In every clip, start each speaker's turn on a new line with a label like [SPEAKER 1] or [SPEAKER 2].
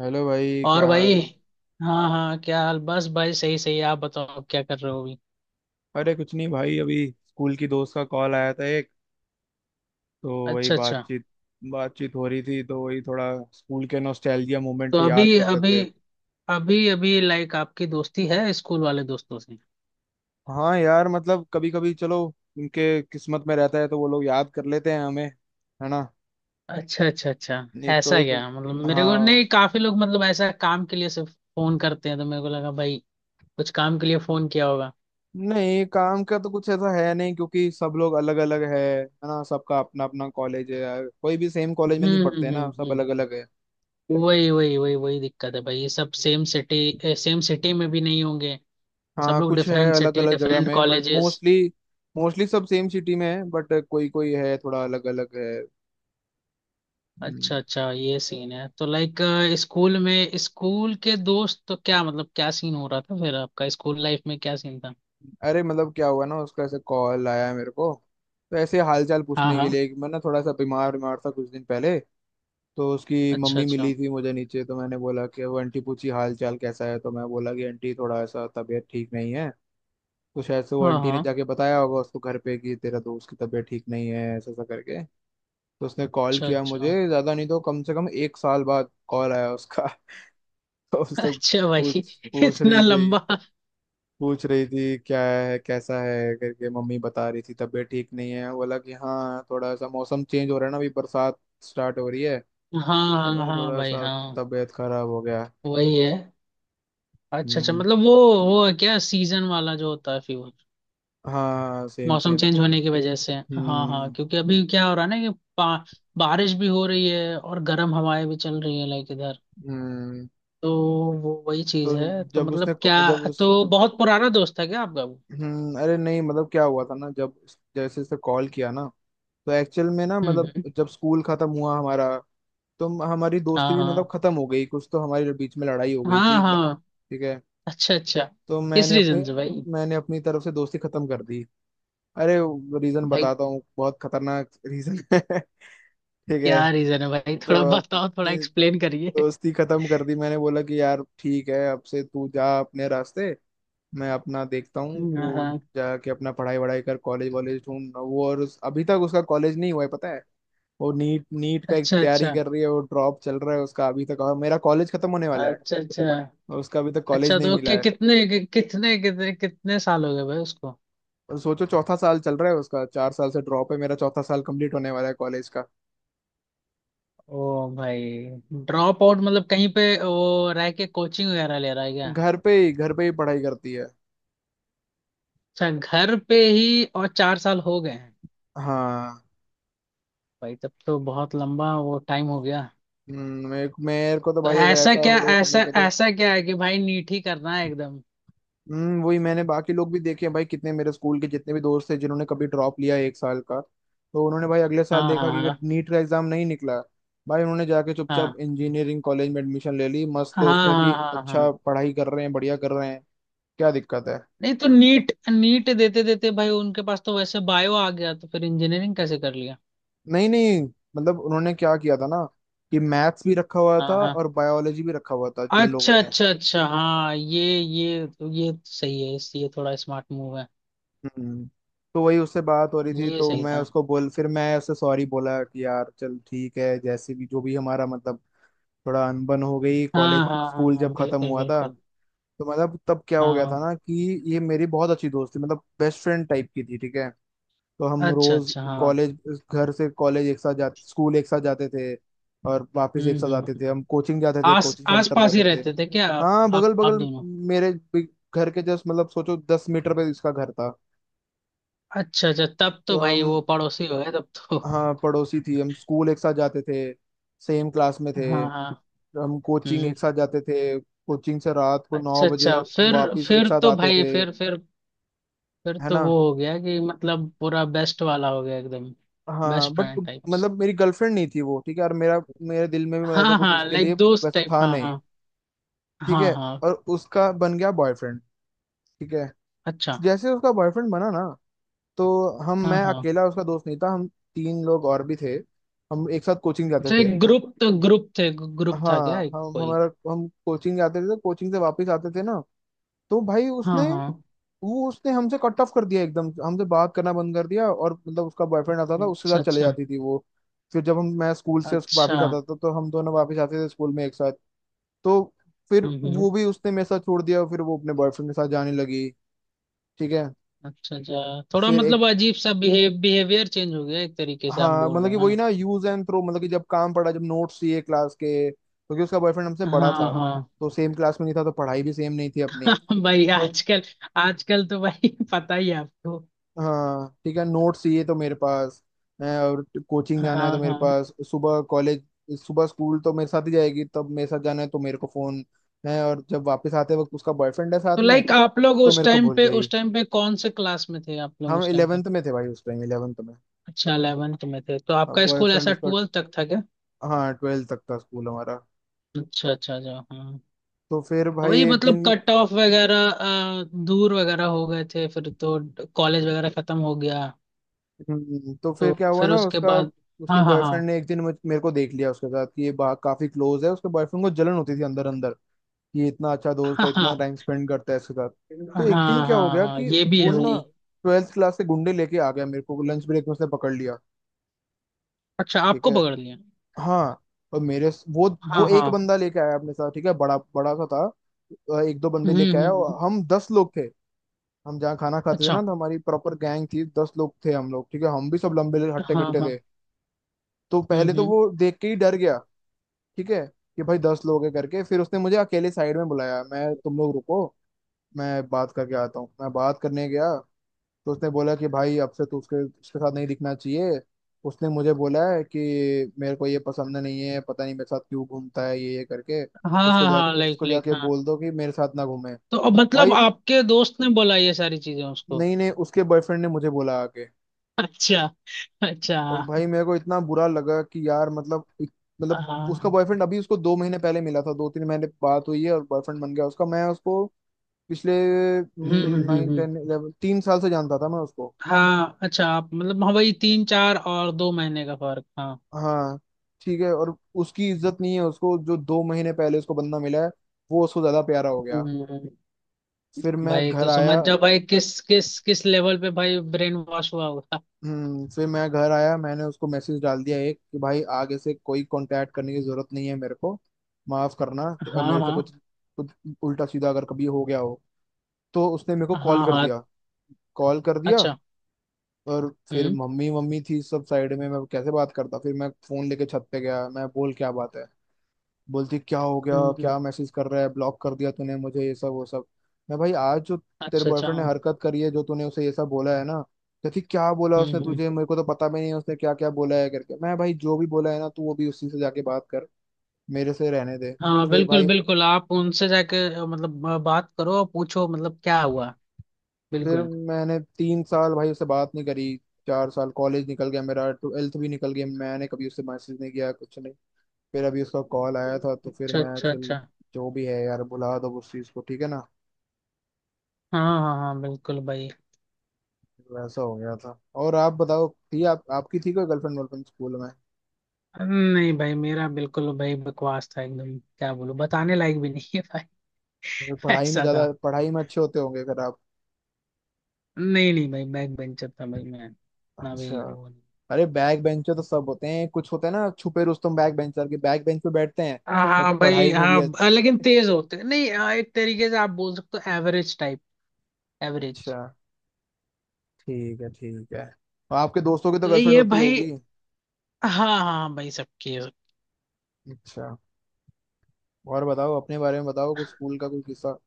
[SPEAKER 1] Hello भाई,
[SPEAKER 2] और
[SPEAKER 1] क्या
[SPEAKER 2] भाई।
[SPEAKER 1] हाल।
[SPEAKER 2] हाँ हाँ, क्या हाल? बस भाई, सही सही आप बताओ, क्या कर रहे हो अभी?
[SPEAKER 1] अरे कुछ नहीं भाई, अभी स्कूल की दोस्त का कॉल आया था एक, तो वही
[SPEAKER 2] अच्छा अच्छा।
[SPEAKER 1] बातचीत। बातचीत हो रही थी तो वही थोड़ा स्कूल के नॉस्टैल्जिया
[SPEAKER 2] तो
[SPEAKER 1] मोमेंट याद कर रहे थे।
[SPEAKER 2] अभी अभी लाइक आपकी दोस्ती है स्कूल वाले दोस्तों से?
[SPEAKER 1] हाँ यार, मतलब कभी कभी चलो उनके किस्मत में रहता है तो वो लोग याद कर लेते हैं हमें, है ना।
[SPEAKER 2] अच्छा अच्छा अच्छा।
[SPEAKER 1] नहीं तो
[SPEAKER 2] ऐसा
[SPEAKER 1] एक।
[SPEAKER 2] क्या? मतलब मेरे को
[SPEAKER 1] हाँ।
[SPEAKER 2] नहीं, काफी लोग मतलब ऐसा काम के लिए सिर्फ फोन करते हैं, तो मेरे को लगा भाई कुछ काम के लिए फोन किया होगा।
[SPEAKER 1] नहीं, काम का तो कुछ ऐसा है नहीं क्योंकि सब लोग अलग अलग है ना, सबका अपना अपना कॉलेज है, कोई भी सेम कॉलेज में नहीं
[SPEAKER 2] हम्म
[SPEAKER 1] पढ़ते
[SPEAKER 2] हम्म
[SPEAKER 1] ना,
[SPEAKER 2] हम्म
[SPEAKER 1] सब
[SPEAKER 2] हम्म।
[SPEAKER 1] अलग अलग है।
[SPEAKER 2] वही वही वही वही दिक्कत है भाई, ये सब सेम सिटी में भी नहीं होंगे। सब
[SPEAKER 1] हाँ
[SPEAKER 2] लोग
[SPEAKER 1] कुछ है
[SPEAKER 2] डिफरेंट
[SPEAKER 1] अलग
[SPEAKER 2] सिटी,
[SPEAKER 1] अलग जगह
[SPEAKER 2] डिफरेंट
[SPEAKER 1] में बट
[SPEAKER 2] कॉलेजेस।
[SPEAKER 1] मोस्टली। मोस्टली सब सेम सिटी में है बट कोई कोई है थोड़ा अलग अलग है। हम्म,
[SPEAKER 2] अच्छा अच्छा, ये सीन है तो। लाइक स्कूल के दोस्त तो क्या मतलब, क्या सीन हो रहा था फिर? आपका स्कूल लाइफ में क्या सीन था?
[SPEAKER 1] अरे मतलब क्या हुआ ना, उसका ऐसे कॉल आया मेरे को तो ऐसे हालचाल
[SPEAKER 2] हाँ
[SPEAKER 1] पूछने के
[SPEAKER 2] हाँ।
[SPEAKER 1] लिए कि मैं ना थोड़ा सा बीमार बीमार था कुछ दिन पहले। तो उसकी
[SPEAKER 2] अच्छा
[SPEAKER 1] मम्मी
[SPEAKER 2] अच्छा।
[SPEAKER 1] मिली थी मुझे नीचे तो मैंने बोला कि वो आंटी पूछी हाल चाल कैसा है तो मैं बोला कि आंटी थोड़ा ऐसा तबीयत ठीक नहीं है। तो शायद से वो
[SPEAKER 2] हाँ
[SPEAKER 1] आंटी ने
[SPEAKER 2] हाँ।
[SPEAKER 1] जाके बताया होगा उसको घर पे कि तेरा दोस्त की तबीयत ठीक नहीं है, ऐसा ऐसा करके। तो उसने कॉल
[SPEAKER 2] अच्छा
[SPEAKER 1] किया
[SPEAKER 2] अच्छा
[SPEAKER 1] मुझे, ज्यादा नहीं तो कम से कम एक साल बाद कॉल आया उसका तो उससे
[SPEAKER 2] अच्छा भाई।
[SPEAKER 1] पूछ पूछ
[SPEAKER 2] इतना
[SPEAKER 1] रही थी।
[SPEAKER 2] लंबा।
[SPEAKER 1] पूछ रही थी क्या है कैसा है करके, मम्मी बता रही थी तबीयत ठीक नहीं है। वो बोला कि हाँ थोड़ा सा मौसम चेंज हो रहा है ना, अभी बरसात स्टार्ट हो रही है,
[SPEAKER 2] हाँ
[SPEAKER 1] तो
[SPEAKER 2] हाँ
[SPEAKER 1] मैं
[SPEAKER 2] हाँ
[SPEAKER 1] थोड़ा
[SPEAKER 2] भाई
[SPEAKER 1] सा
[SPEAKER 2] हाँ।
[SPEAKER 1] तबीयत खराब हो गया।
[SPEAKER 2] वही है। अच्छा अच्छा,
[SPEAKER 1] हम्म।
[SPEAKER 2] मतलब वो। वो है क्या सीजन वाला जो होता है, फीवर?
[SPEAKER 1] हाँ सेम
[SPEAKER 2] मौसम
[SPEAKER 1] सेम।
[SPEAKER 2] चेंज होने की वजह से। हाँ हाँ,
[SPEAKER 1] हम्म
[SPEAKER 2] क्योंकि अभी क्या हो रहा है ना कि बारिश भी हो रही है और गर्म हवाएं भी चल रही है, लाइक इधर।
[SPEAKER 1] हम्म।
[SPEAKER 2] तो वो वही चीज
[SPEAKER 1] तो
[SPEAKER 2] है, तो
[SPEAKER 1] जब उसने
[SPEAKER 2] मतलब क्या।
[SPEAKER 1] जब उस
[SPEAKER 2] तो बहुत पुराना दोस्त है क्या आपका वो?
[SPEAKER 1] अरे नहीं, मतलब क्या हुआ था ना जब। जैसे इसने कॉल किया ना, तो एक्चुअल में ना मतलब
[SPEAKER 2] हम्म।
[SPEAKER 1] जब स्कूल खत्म हुआ हमारा, तो हमारी दोस्ती
[SPEAKER 2] हाँ
[SPEAKER 1] भी मतलब
[SPEAKER 2] हाँ
[SPEAKER 1] खत्म हो गई, कुछ तो हमारे बीच में लड़ाई हो गई
[SPEAKER 2] हाँ
[SPEAKER 1] थी
[SPEAKER 2] हाँ।
[SPEAKER 1] ठीक है।
[SPEAKER 2] अच्छा अच्छा।
[SPEAKER 1] तो
[SPEAKER 2] किस
[SPEAKER 1] मैंने अपनी
[SPEAKER 2] रीजन से भाई?
[SPEAKER 1] मैंने अपनी तरफ से दोस्ती खत्म कर दी। अरे, रीजन
[SPEAKER 2] भाई,
[SPEAKER 1] बताता हूँ, बहुत खतरनाक रीजन है। ठीक है।
[SPEAKER 2] क्या रीजन है भाई? थोड़ा
[SPEAKER 1] तो
[SPEAKER 2] बताओ, थोड़ा
[SPEAKER 1] अपनी
[SPEAKER 2] एक्सप्लेन करिए।
[SPEAKER 1] दोस्ती खत्म कर दी, मैंने बोला कि यार ठीक है, अब से तू जा अपने रास्ते, मैं अपना देखता हूँ,
[SPEAKER 2] हाँ
[SPEAKER 1] तू
[SPEAKER 2] हाँ।
[SPEAKER 1] जाके अपना पढ़ाई वढ़ाई कर, कॉलेज वॉलेज ढूंढ वो अभी तक उसका कॉलेज नहीं हुआ है, पता है। वो नीट नीट का एक
[SPEAKER 2] अच्छा
[SPEAKER 1] तैयारी
[SPEAKER 2] अच्छा
[SPEAKER 1] कर रही है, वो ड्रॉप चल रहा है उसका अभी तक और मेरा कॉलेज खत्म होने वाला है।
[SPEAKER 2] अच्छा। अच्छा
[SPEAKER 1] और उसका अभी तक कॉलेज
[SPEAKER 2] अच्छा
[SPEAKER 1] नहीं मिला है।
[SPEAKER 2] कितने कितने कितने साल हो गए भाई उसको?
[SPEAKER 1] और सोचो चौथा साल चल रहा है उसका, 4 साल से ड्रॉप है, मेरा चौथा साल कंप्लीट होने वाला है कॉलेज का।
[SPEAKER 2] ओ भाई। ड्रॉप आउट मतलब कहीं पे वो रह के कोचिंग वगैरह ले रहा है क्या?
[SPEAKER 1] घर पे ही पढ़ाई करती है।
[SPEAKER 2] अच्छा, घर पे ही। और चार साल हो गए?
[SPEAKER 1] हाँ।
[SPEAKER 2] भाई, तब तो बहुत लंबा वो टाइम हो गया।
[SPEAKER 1] मेरे मेरे को तो भाई अगर ऐसा हो तो
[SPEAKER 2] ऐसा
[SPEAKER 1] मेरे को तो।
[SPEAKER 2] ऐसा क्या है कि भाई नीट ही करना है एकदम?
[SPEAKER 1] वही, मैंने बाकी लोग भी देखे हैं भाई, कितने मेरे स्कूल के जितने भी दोस्त थे जिन्होंने कभी ड्रॉप लिया एक साल का तो उन्होंने भाई अगले साल
[SPEAKER 2] हाँ
[SPEAKER 1] देखा कि अगर
[SPEAKER 2] हाँ
[SPEAKER 1] नीट का एग्जाम नहीं निकला, भाई उन्होंने जाके
[SPEAKER 2] हाँ
[SPEAKER 1] चुपचाप इंजीनियरिंग कॉलेज में एडमिशन ले ली, मस्त
[SPEAKER 2] हाँ
[SPEAKER 1] उसमें भी
[SPEAKER 2] हाँ। हाँ हाँ
[SPEAKER 1] अच्छा
[SPEAKER 2] हाँ।
[SPEAKER 1] पढ़ाई कर रहे हैं, बढ़िया कर रहे हैं। क्या दिक्कत है।
[SPEAKER 2] नहीं तो नीट नीट देते देते भाई उनके पास तो वैसे बायो आ गया, तो फिर इंजीनियरिंग कैसे कर लिया?
[SPEAKER 1] नहीं नहीं, मतलब उन्होंने क्या किया था ना कि मैथ्स भी रखा हुआ
[SPEAKER 2] हाँ
[SPEAKER 1] था
[SPEAKER 2] हाँ।
[SPEAKER 1] और बायोलॉजी भी रखा हुआ था, जिन लोगों
[SPEAKER 2] अच्छा
[SPEAKER 1] ने।
[SPEAKER 2] अच्छा अच्छा हाँ, ये सही है, ये थोड़ा स्मार्ट मूव है।
[SPEAKER 1] हम्म तो वही उससे बात हो रही थी,
[SPEAKER 2] ये
[SPEAKER 1] तो
[SPEAKER 2] सही
[SPEAKER 1] मैं
[SPEAKER 2] था।
[SPEAKER 1] उसको बोल, फिर मैं उससे सॉरी बोला कि यार चल ठीक है, जैसे भी जो भी हमारा मतलब थोड़ा अनबन हो गई, कॉलेज
[SPEAKER 2] हाँ हाँ हाँ
[SPEAKER 1] स्कूल जब
[SPEAKER 2] हाँ,
[SPEAKER 1] खत्म
[SPEAKER 2] बिल्कुल
[SPEAKER 1] हुआ था,
[SPEAKER 2] बिल्कुल।
[SPEAKER 1] तो मतलब तब क्या हो गया
[SPEAKER 2] हाँ।
[SPEAKER 1] था ना कि ये मेरी बहुत अच्छी दोस्त थी, मतलब बेस्ट फ्रेंड टाइप की थी, ठीक है। तो हम
[SPEAKER 2] अच्छा
[SPEAKER 1] रोज
[SPEAKER 2] अच्छा हाँ।
[SPEAKER 1] कॉलेज, घर से कॉलेज एक साथ जाते, स्कूल एक साथ जाते थे और वापस एक साथ आते
[SPEAKER 2] हम्म।
[SPEAKER 1] थे, हम कोचिंग जाते थे,
[SPEAKER 2] आस
[SPEAKER 1] कोचिंग
[SPEAKER 2] आस
[SPEAKER 1] सेंटर
[SPEAKER 2] पास ही
[SPEAKER 1] जाते थे।
[SPEAKER 2] रहते थे क्या आप
[SPEAKER 1] हाँ बगल बगल।
[SPEAKER 2] दोनों?
[SPEAKER 1] मेरे भी- घर के जस्ट मतलब सोचो 10 मीटर पे इसका घर था।
[SPEAKER 2] अच्छा अच्छा, तब
[SPEAKER 1] तो
[SPEAKER 2] तो भाई
[SPEAKER 1] हम।
[SPEAKER 2] वो पड़ोसी हो गए तब तो।
[SPEAKER 1] हाँ पड़ोसी थी, हम स्कूल एक साथ जाते थे, सेम क्लास में थे,
[SPEAKER 2] हाँ हाँ।
[SPEAKER 1] हम कोचिंग
[SPEAKER 2] हम्म।
[SPEAKER 1] एक साथ जाते थे, कोचिंग से रात को
[SPEAKER 2] अच्छा
[SPEAKER 1] 9 बजे
[SPEAKER 2] अच्छा,
[SPEAKER 1] हम
[SPEAKER 2] फिर?
[SPEAKER 1] वापस एक
[SPEAKER 2] फिर
[SPEAKER 1] साथ
[SPEAKER 2] तो
[SPEAKER 1] आते
[SPEAKER 2] भाई
[SPEAKER 1] थे,
[SPEAKER 2] फिर
[SPEAKER 1] है
[SPEAKER 2] तो
[SPEAKER 1] ना।
[SPEAKER 2] वो हो गया कि मतलब पूरा बेस्ट वाला हो गया एकदम।
[SPEAKER 1] हाँ
[SPEAKER 2] बेस्ट
[SPEAKER 1] बट
[SPEAKER 2] फ्रेंड टाइप।
[SPEAKER 1] मतलब मेरी गर्लफ्रेंड नहीं थी वो, ठीक है, और मेरा मेरे दिल में भी मतलब ऐसा
[SPEAKER 2] हाँ
[SPEAKER 1] कुछ
[SPEAKER 2] हाँ,
[SPEAKER 1] उसके लिए
[SPEAKER 2] लाइक दोस्त
[SPEAKER 1] वैसा
[SPEAKER 2] टाइप,
[SPEAKER 1] था
[SPEAKER 2] हाँ
[SPEAKER 1] नहीं,
[SPEAKER 2] हाँ।
[SPEAKER 1] ठीक है।
[SPEAKER 2] हाँ हाँ।
[SPEAKER 1] और उसका बन गया बॉयफ्रेंड, ठीक है।
[SPEAKER 2] अच्छा।
[SPEAKER 1] जैसे उसका बॉयफ्रेंड बना ना, तो हम
[SPEAKER 2] हाँ
[SPEAKER 1] मैं
[SPEAKER 2] हाँ।
[SPEAKER 1] अकेला उसका दोस्त नहीं था, हम तीन लोग और भी थे, हम एक साथ कोचिंग जाते
[SPEAKER 2] अच्छा,
[SPEAKER 1] थे।
[SPEAKER 2] एक ग्रुप तो, ग्रुप थे, ग्रुप था क्या
[SPEAKER 1] हाँ।
[SPEAKER 2] एक
[SPEAKER 1] हम
[SPEAKER 2] कोई?
[SPEAKER 1] हमारा हम कोचिंग जाते थे तो कोचिंग से वापस आते थे ना, तो भाई उसने,
[SPEAKER 2] हाँ हाँ।
[SPEAKER 1] वो उसने हमसे कट ऑफ कर दिया एकदम, हमसे बात करना बंद कर दिया और मतलब उसका बॉयफ्रेंड आता था, उसके
[SPEAKER 2] अच्छा
[SPEAKER 1] साथ चले
[SPEAKER 2] अच्छा
[SPEAKER 1] जाती थी वो। फिर जब हम मैं स्कूल से उसको
[SPEAKER 2] अच्छा।
[SPEAKER 1] वापस आता था तो हम दोनों वापस आते थे स्कूल में एक साथ, तो फिर
[SPEAKER 2] हम्म।
[SPEAKER 1] वो भी उसने मेरे साथ छोड़ दिया, फिर वो अपने बॉयफ्रेंड के साथ जाने लगी, ठीक है।
[SPEAKER 2] अच्छा अच्छा, थोड़ा
[SPEAKER 1] फिर एक।
[SPEAKER 2] मतलब अजीब सा बिहेवियर चेंज हो गया एक तरीके से, आप
[SPEAKER 1] हाँ
[SPEAKER 2] बोल
[SPEAKER 1] मतलब
[SPEAKER 2] रहे
[SPEAKER 1] कि
[SPEAKER 2] हो, है
[SPEAKER 1] वही
[SPEAKER 2] ना?
[SPEAKER 1] ना यूज एंड थ्रो, मतलब कि जब काम पड़ा, जब नोट्स चाहिए क्लास के, क्योंकि उसका बॉयफ्रेंड हमसे बड़ा
[SPEAKER 2] हाँ
[SPEAKER 1] था,
[SPEAKER 2] हाँ।
[SPEAKER 1] तो सेम क्लास में नहीं था तो पढ़ाई भी सेम नहीं थी अपनी।
[SPEAKER 2] भाई
[SPEAKER 1] उसको।
[SPEAKER 2] आजकल, आजकल तो भाई पता ही है आपको।
[SPEAKER 1] हाँ ठीक है, नोट्स ये तो मेरे पास है और कोचिंग जाना है तो
[SPEAKER 2] हाँ
[SPEAKER 1] मेरे
[SPEAKER 2] हाँ।
[SPEAKER 1] पास, सुबह कॉलेज, सुबह स्कूल तो मेरे साथ ही जाएगी तब मेरे साथ जाना है तो मेरे को फोन, है और जब वापस आते वक्त उसका बॉयफ्रेंड है साथ
[SPEAKER 2] तो
[SPEAKER 1] में
[SPEAKER 2] लाइक आप लोग
[SPEAKER 1] तो
[SPEAKER 2] उस
[SPEAKER 1] मेरे को
[SPEAKER 2] टाइम
[SPEAKER 1] भूल
[SPEAKER 2] पे,
[SPEAKER 1] गई।
[SPEAKER 2] कौन से क्लास में थे आप लोग
[SPEAKER 1] हम
[SPEAKER 2] उस टाइम पे?
[SPEAKER 1] 11th में थे भाई, उस टाइम 11th में,
[SPEAKER 2] अच्छा, 11th में थे तो? आपका स्कूल
[SPEAKER 1] बॉयफ्रेंड
[SPEAKER 2] ऐसा
[SPEAKER 1] उसका।
[SPEAKER 2] ट्वेल्थ तक था क्या?
[SPEAKER 1] हाँ 12th तक था स्कूल हमारा।
[SPEAKER 2] अच्छा अच्छा अच्छा हाँ।
[SPEAKER 1] तो फिर भाई
[SPEAKER 2] वही
[SPEAKER 1] एक
[SPEAKER 2] मतलब
[SPEAKER 1] दिन।
[SPEAKER 2] कट ऑफ वगैरह, दूर वगैरह हो गए थे फिर तो, कॉलेज वगैरह खत्म हो गया?
[SPEAKER 1] तो
[SPEAKER 2] तो
[SPEAKER 1] फिर क्या हुआ
[SPEAKER 2] फिर
[SPEAKER 1] ना
[SPEAKER 2] उसके
[SPEAKER 1] उसका,
[SPEAKER 2] बाद?
[SPEAKER 1] उसके
[SPEAKER 2] हाँ हाँ
[SPEAKER 1] बॉयफ्रेंड
[SPEAKER 2] हाँ
[SPEAKER 1] ने एक दिन मेरे को देख लिया उसके साथ कि काफी क्लोज है, उसके बॉयफ्रेंड को जलन होती थी अंदर अंदर, ये इतना अच्छा दोस्त है, इतना
[SPEAKER 2] हाँ
[SPEAKER 1] टाइम स्पेंड करता है इसके साथ। तो
[SPEAKER 2] हाँ
[SPEAKER 1] एक दिन
[SPEAKER 2] हाँ
[SPEAKER 1] क्या हो
[SPEAKER 2] हाँ
[SPEAKER 1] गया
[SPEAKER 2] हाँ,
[SPEAKER 1] कि
[SPEAKER 2] ये भी
[SPEAKER 1] वो
[SPEAKER 2] है
[SPEAKER 1] ना
[SPEAKER 2] भाई।
[SPEAKER 1] 12th क्लास के गुंडे लेके आ गया, मेरे को लंच ब्रेक में उसने पकड़ लिया,
[SPEAKER 2] अच्छा,
[SPEAKER 1] ठीक
[SPEAKER 2] आपको
[SPEAKER 1] है।
[SPEAKER 2] पकड़ लिया?
[SPEAKER 1] हाँ, और मेरे वो
[SPEAKER 2] हाँ
[SPEAKER 1] एक
[SPEAKER 2] हाँ।
[SPEAKER 1] बंदा लेके आया अपने साथ, ठीक है, बड़ा बड़ा सा था, एक दो बंदे लेके आया
[SPEAKER 2] हम्म।
[SPEAKER 1] और हम 10 लोग थे। हम जहाँ खाना खाते थे
[SPEAKER 2] अच्छा।
[SPEAKER 1] ना तो हमारी प्रॉपर गैंग थी, 10 लोग थे हम लोग, ठीक है, हम भी सब लंबे हट्टे
[SPEAKER 2] हाँ
[SPEAKER 1] कट्टे थे,
[SPEAKER 2] हाँ।
[SPEAKER 1] तो पहले तो
[SPEAKER 2] हम्म।
[SPEAKER 1] वो देख के ही डर गया, ठीक है, कि भाई 10 लोग है करके। फिर उसने मुझे अकेले साइड में बुलाया, मैं तुम लोग रुको, मैं बात करके आता हूँ, मैं बात करने गया, तो उसने बोला कि भाई अब से तू उसके उसके साथ नहीं दिखना चाहिए, उसने मुझे बोला है कि मेरे को ये पसंद नहीं है, पता नहीं मेरे साथ क्यों घूमता है ये करके,
[SPEAKER 2] हाँ हाँ हाँ, लाइक
[SPEAKER 1] उसको
[SPEAKER 2] लाइक
[SPEAKER 1] जाके
[SPEAKER 2] हाँ।
[SPEAKER 1] बोल दो कि मेरे साथ ना घूमे,
[SPEAKER 2] तो अब मतलब
[SPEAKER 1] भाई।
[SPEAKER 2] आपके दोस्त ने बोला ये सारी चीजें उसको?
[SPEAKER 1] नहीं नहीं, उसके बॉयफ्रेंड ने मुझे बोला आके,
[SPEAKER 2] अच्छा अच्छा
[SPEAKER 1] और
[SPEAKER 2] हाँ
[SPEAKER 1] भाई मेरे को इतना बुरा लगा कि यार मतलब मतलब उसका
[SPEAKER 2] हाँ।
[SPEAKER 1] बॉयफ्रेंड अभी उसको 2 महीने पहले मिला था, 2-3 महीने बात हुई है और बॉयफ्रेंड बन गया उसका, मैं उसको पिछले
[SPEAKER 2] हम्म हम्म हम्म
[SPEAKER 1] नाइन
[SPEAKER 2] हम्म।
[SPEAKER 1] टेन इलेवन 3 साल से जानता था मैं उसको।
[SPEAKER 2] हाँ अच्छा, आप मतलब, हाँ भाई, तीन चार और दो महीने का फर्क, हाँ।
[SPEAKER 1] हाँ ठीक है, और उसकी इज्जत नहीं है, उसको जो 2 महीने पहले उसको बंदा मिला है वो उसको ज्यादा प्यारा हो गया।
[SPEAKER 2] हम्म हम्म।
[SPEAKER 1] फिर मैं
[SPEAKER 2] भाई
[SPEAKER 1] घर
[SPEAKER 2] तो
[SPEAKER 1] आया।
[SPEAKER 2] समझ जाओ भाई, किस किस किस लेवल पे भाई ब्रेन वॉश हुआ होगा।
[SPEAKER 1] फिर मैं घर आया, मैंने उसको मैसेज डाल दिया एक कि भाई आगे से कोई कांटेक्ट करने की जरूरत नहीं है, मेरे को माफ करना,
[SPEAKER 2] हाँ
[SPEAKER 1] मेरे से कुछ
[SPEAKER 2] हाँ
[SPEAKER 1] कुछ उल्टा सीधा अगर कभी हो गया हो, तो उसने मेरे को
[SPEAKER 2] हाँ
[SPEAKER 1] कॉल कर
[SPEAKER 2] हाँ।
[SPEAKER 1] दिया, कॉल कर दिया।
[SPEAKER 2] अच्छा।
[SPEAKER 1] और फिर
[SPEAKER 2] हम्म
[SPEAKER 1] मम्मी मम्मी थी सब साइड में, मैं कैसे बात करता, फिर मैं फोन लेके छत पे गया, मैं बोल क्या बात है, बोलती क्या हो गया,
[SPEAKER 2] हम्म हम्म।
[SPEAKER 1] क्या मैसेज कर रहा है, ब्लॉक कर दिया तूने मुझे, ये सब वो सब। मैं भाई आज जो तेरे
[SPEAKER 2] अच्छा अच्छा
[SPEAKER 1] बॉयफ्रेंड ने
[SPEAKER 2] हाँ।
[SPEAKER 1] हरकत करी है, जो तूने उसे ये सब बोला है ना, कहती क्या बोला उसने
[SPEAKER 2] हम्म।
[SPEAKER 1] तुझे, मेरे को तो पता भी नहीं है उसने क्या क्या बोला है करके, मैं भाई जो भी बोला है ना तू वो भी उसी से जाके बात कर, मेरे से रहने दे।
[SPEAKER 2] हाँ
[SPEAKER 1] फिर
[SPEAKER 2] बिल्कुल
[SPEAKER 1] भाई
[SPEAKER 2] बिल्कुल, आप उनसे जाके मतलब बात करो और पूछो, मतलब क्या हुआ।
[SPEAKER 1] फिर
[SPEAKER 2] बिल्कुल।
[SPEAKER 1] मैंने 3 साल भाई उससे बात नहीं करी, 4 साल कॉलेज निकल गया मेरा, 12th भी निकल गया, मैंने कभी उससे मैसेज नहीं किया कुछ नहीं। फिर अभी उसका कॉल आया था तो फिर
[SPEAKER 2] अच्छा
[SPEAKER 1] मैं
[SPEAKER 2] अच्छा
[SPEAKER 1] चल,
[SPEAKER 2] अच्छा।
[SPEAKER 1] जो भी है यार भुला दो उस चीज़ को, ठीक है ना,
[SPEAKER 2] हाँ हाँ हाँ, बिल्कुल भाई।
[SPEAKER 1] वैसा हो गया था। और आप बताओ, थी आप आपकी थी कोई गर्लफ्रेंड वर्लफ्रेंड स्कूल में,
[SPEAKER 2] नहीं भाई, मेरा बिल्कुल भाई बकवास था एकदम, क्या बोलूं, बताने लायक भी नहीं है भाई।
[SPEAKER 1] अगर पढ़ाई में
[SPEAKER 2] ऐसा
[SPEAKER 1] ज्यादा,
[SPEAKER 2] था।
[SPEAKER 1] पढ़ाई में अच्छे होते होंगे अगर आप।
[SPEAKER 2] नहीं नहीं भाई, बैक बेंचर था भाई मैं। ना भी
[SPEAKER 1] अच्छा।
[SPEAKER 2] वो नहीं।
[SPEAKER 1] अरे बैक बेंचर तो सब होते हैं, कुछ होते हैं ना छुपे रुस्तम, बैक बेंचर के बैक बेंच पे बैठते हैं,
[SPEAKER 2] हाँ
[SPEAKER 1] बट
[SPEAKER 2] हाँ भाई
[SPEAKER 1] पढ़ाई में भी
[SPEAKER 2] हाँ, लेकिन
[SPEAKER 1] अच्छे।
[SPEAKER 2] तेज होते नहीं, हाँ, एक तरीके से आप बोल सकते हो एवरेज टाइप। एवरेज।
[SPEAKER 1] अच्छा ठीक है, ठीक है। और आपके दोस्तों की तो
[SPEAKER 2] तो
[SPEAKER 1] गर्लफ्रेंड
[SPEAKER 2] ये
[SPEAKER 1] होती
[SPEAKER 2] भाई,
[SPEAKER 1] होगी।
[SPEAKER 2] हाँ हाँ भाई, सबकी है।
[SPEAKER 1] अच्छा। और बताओ, अपने बारे में बताओ कुछ स्कूल का कोई किस्सा।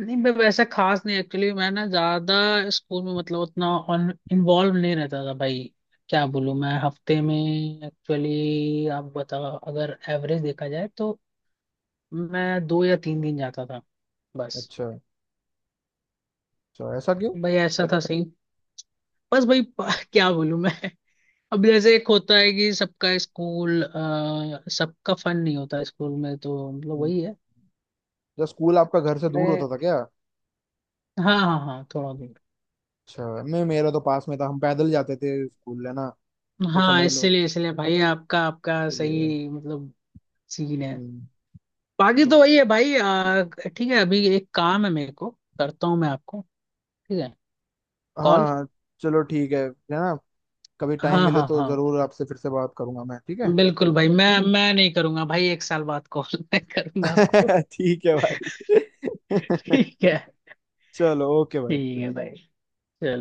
[SPEAKER 2] नहीं मैं वैसा खास नहीं, एक्चुअली मैं ना ज्यादा स्कूल में मतलब उतना ऑन इन्वॉल्व नहीं रहता था भाई। क्या बोलूँ, मैं हफ्ते में, एक्चुअली आप बताओ, अगर एवरेज देखा जाए तो मैं दो या तीन दिन जाता था बस।
[SPEAKER 1] अच्छा अच्छा, ऐसा क्यों।
[SPEAKER 2] भाई ऐसा था सही, बस भाई, क्या बोलूँ मैं। अब जैसे एक होता है कि सबका फन नहीं होता स्कूल में, तो मतलब
[SPEAKER 1] हम्म,
[SPEAKER 2] वही है।
[SPEAKER 1] जब स्कूल आपका घर से दूर होता
[SPEAKER 2] मैं,
[SPEAKER 1] था क्या।
[SPEAKER 2] हाँ हाँ हाँ, थोड़ा दूर।
[SPEAKER 1] अच्छा, मैं मेरा तो पास में था, हम पैदल जाते थे स्कूल है ना, तो
[SPEAKER 2] हाँ,
[SPEAKER 1] समझ लो,
[SPEAKER 2] इसलिए इसलिए भाई, आपका आपका
[SPEAKER 1] इसलिए।
[SPEAKER 2] सही मतलब सीन है।
[SPEAKER 1] हम्म।
[SPEAKER 2] बाकी तो
[SPEAKER 1] तो।
[SPEAKER 2] वही है भाई, ठीक है, अभी एक काम है मेरे को, करता हूँ मैं आपको, ठीक है, कॉल।
[SPEAKER 1] हाँ चलो ठीक है ना, कभी टाइम
[SPEAKER 2] हाँ
[SPEAKER 1] मिले
[SPEAKER 2] हाँ
[SPEAKER 1] तो
[SPEAKER 2] हाँ,
[SPEAKER 1] जरूर आपसे फिर से बात करूंगा मैं, ठीक
[SPEAKER 2] बिल्कुल भाई, मैं नहीं करूंगा भाई एक साल बाद कॉल, मैं करूंगा आपको।
[SPEAKER 1] है ठीक है भाई
[SPEAKER 2] ठीक है,
[SPEAKER 1] चलो ओके भाई।
[SPEAKER 2] ठीक है भाई, चलो।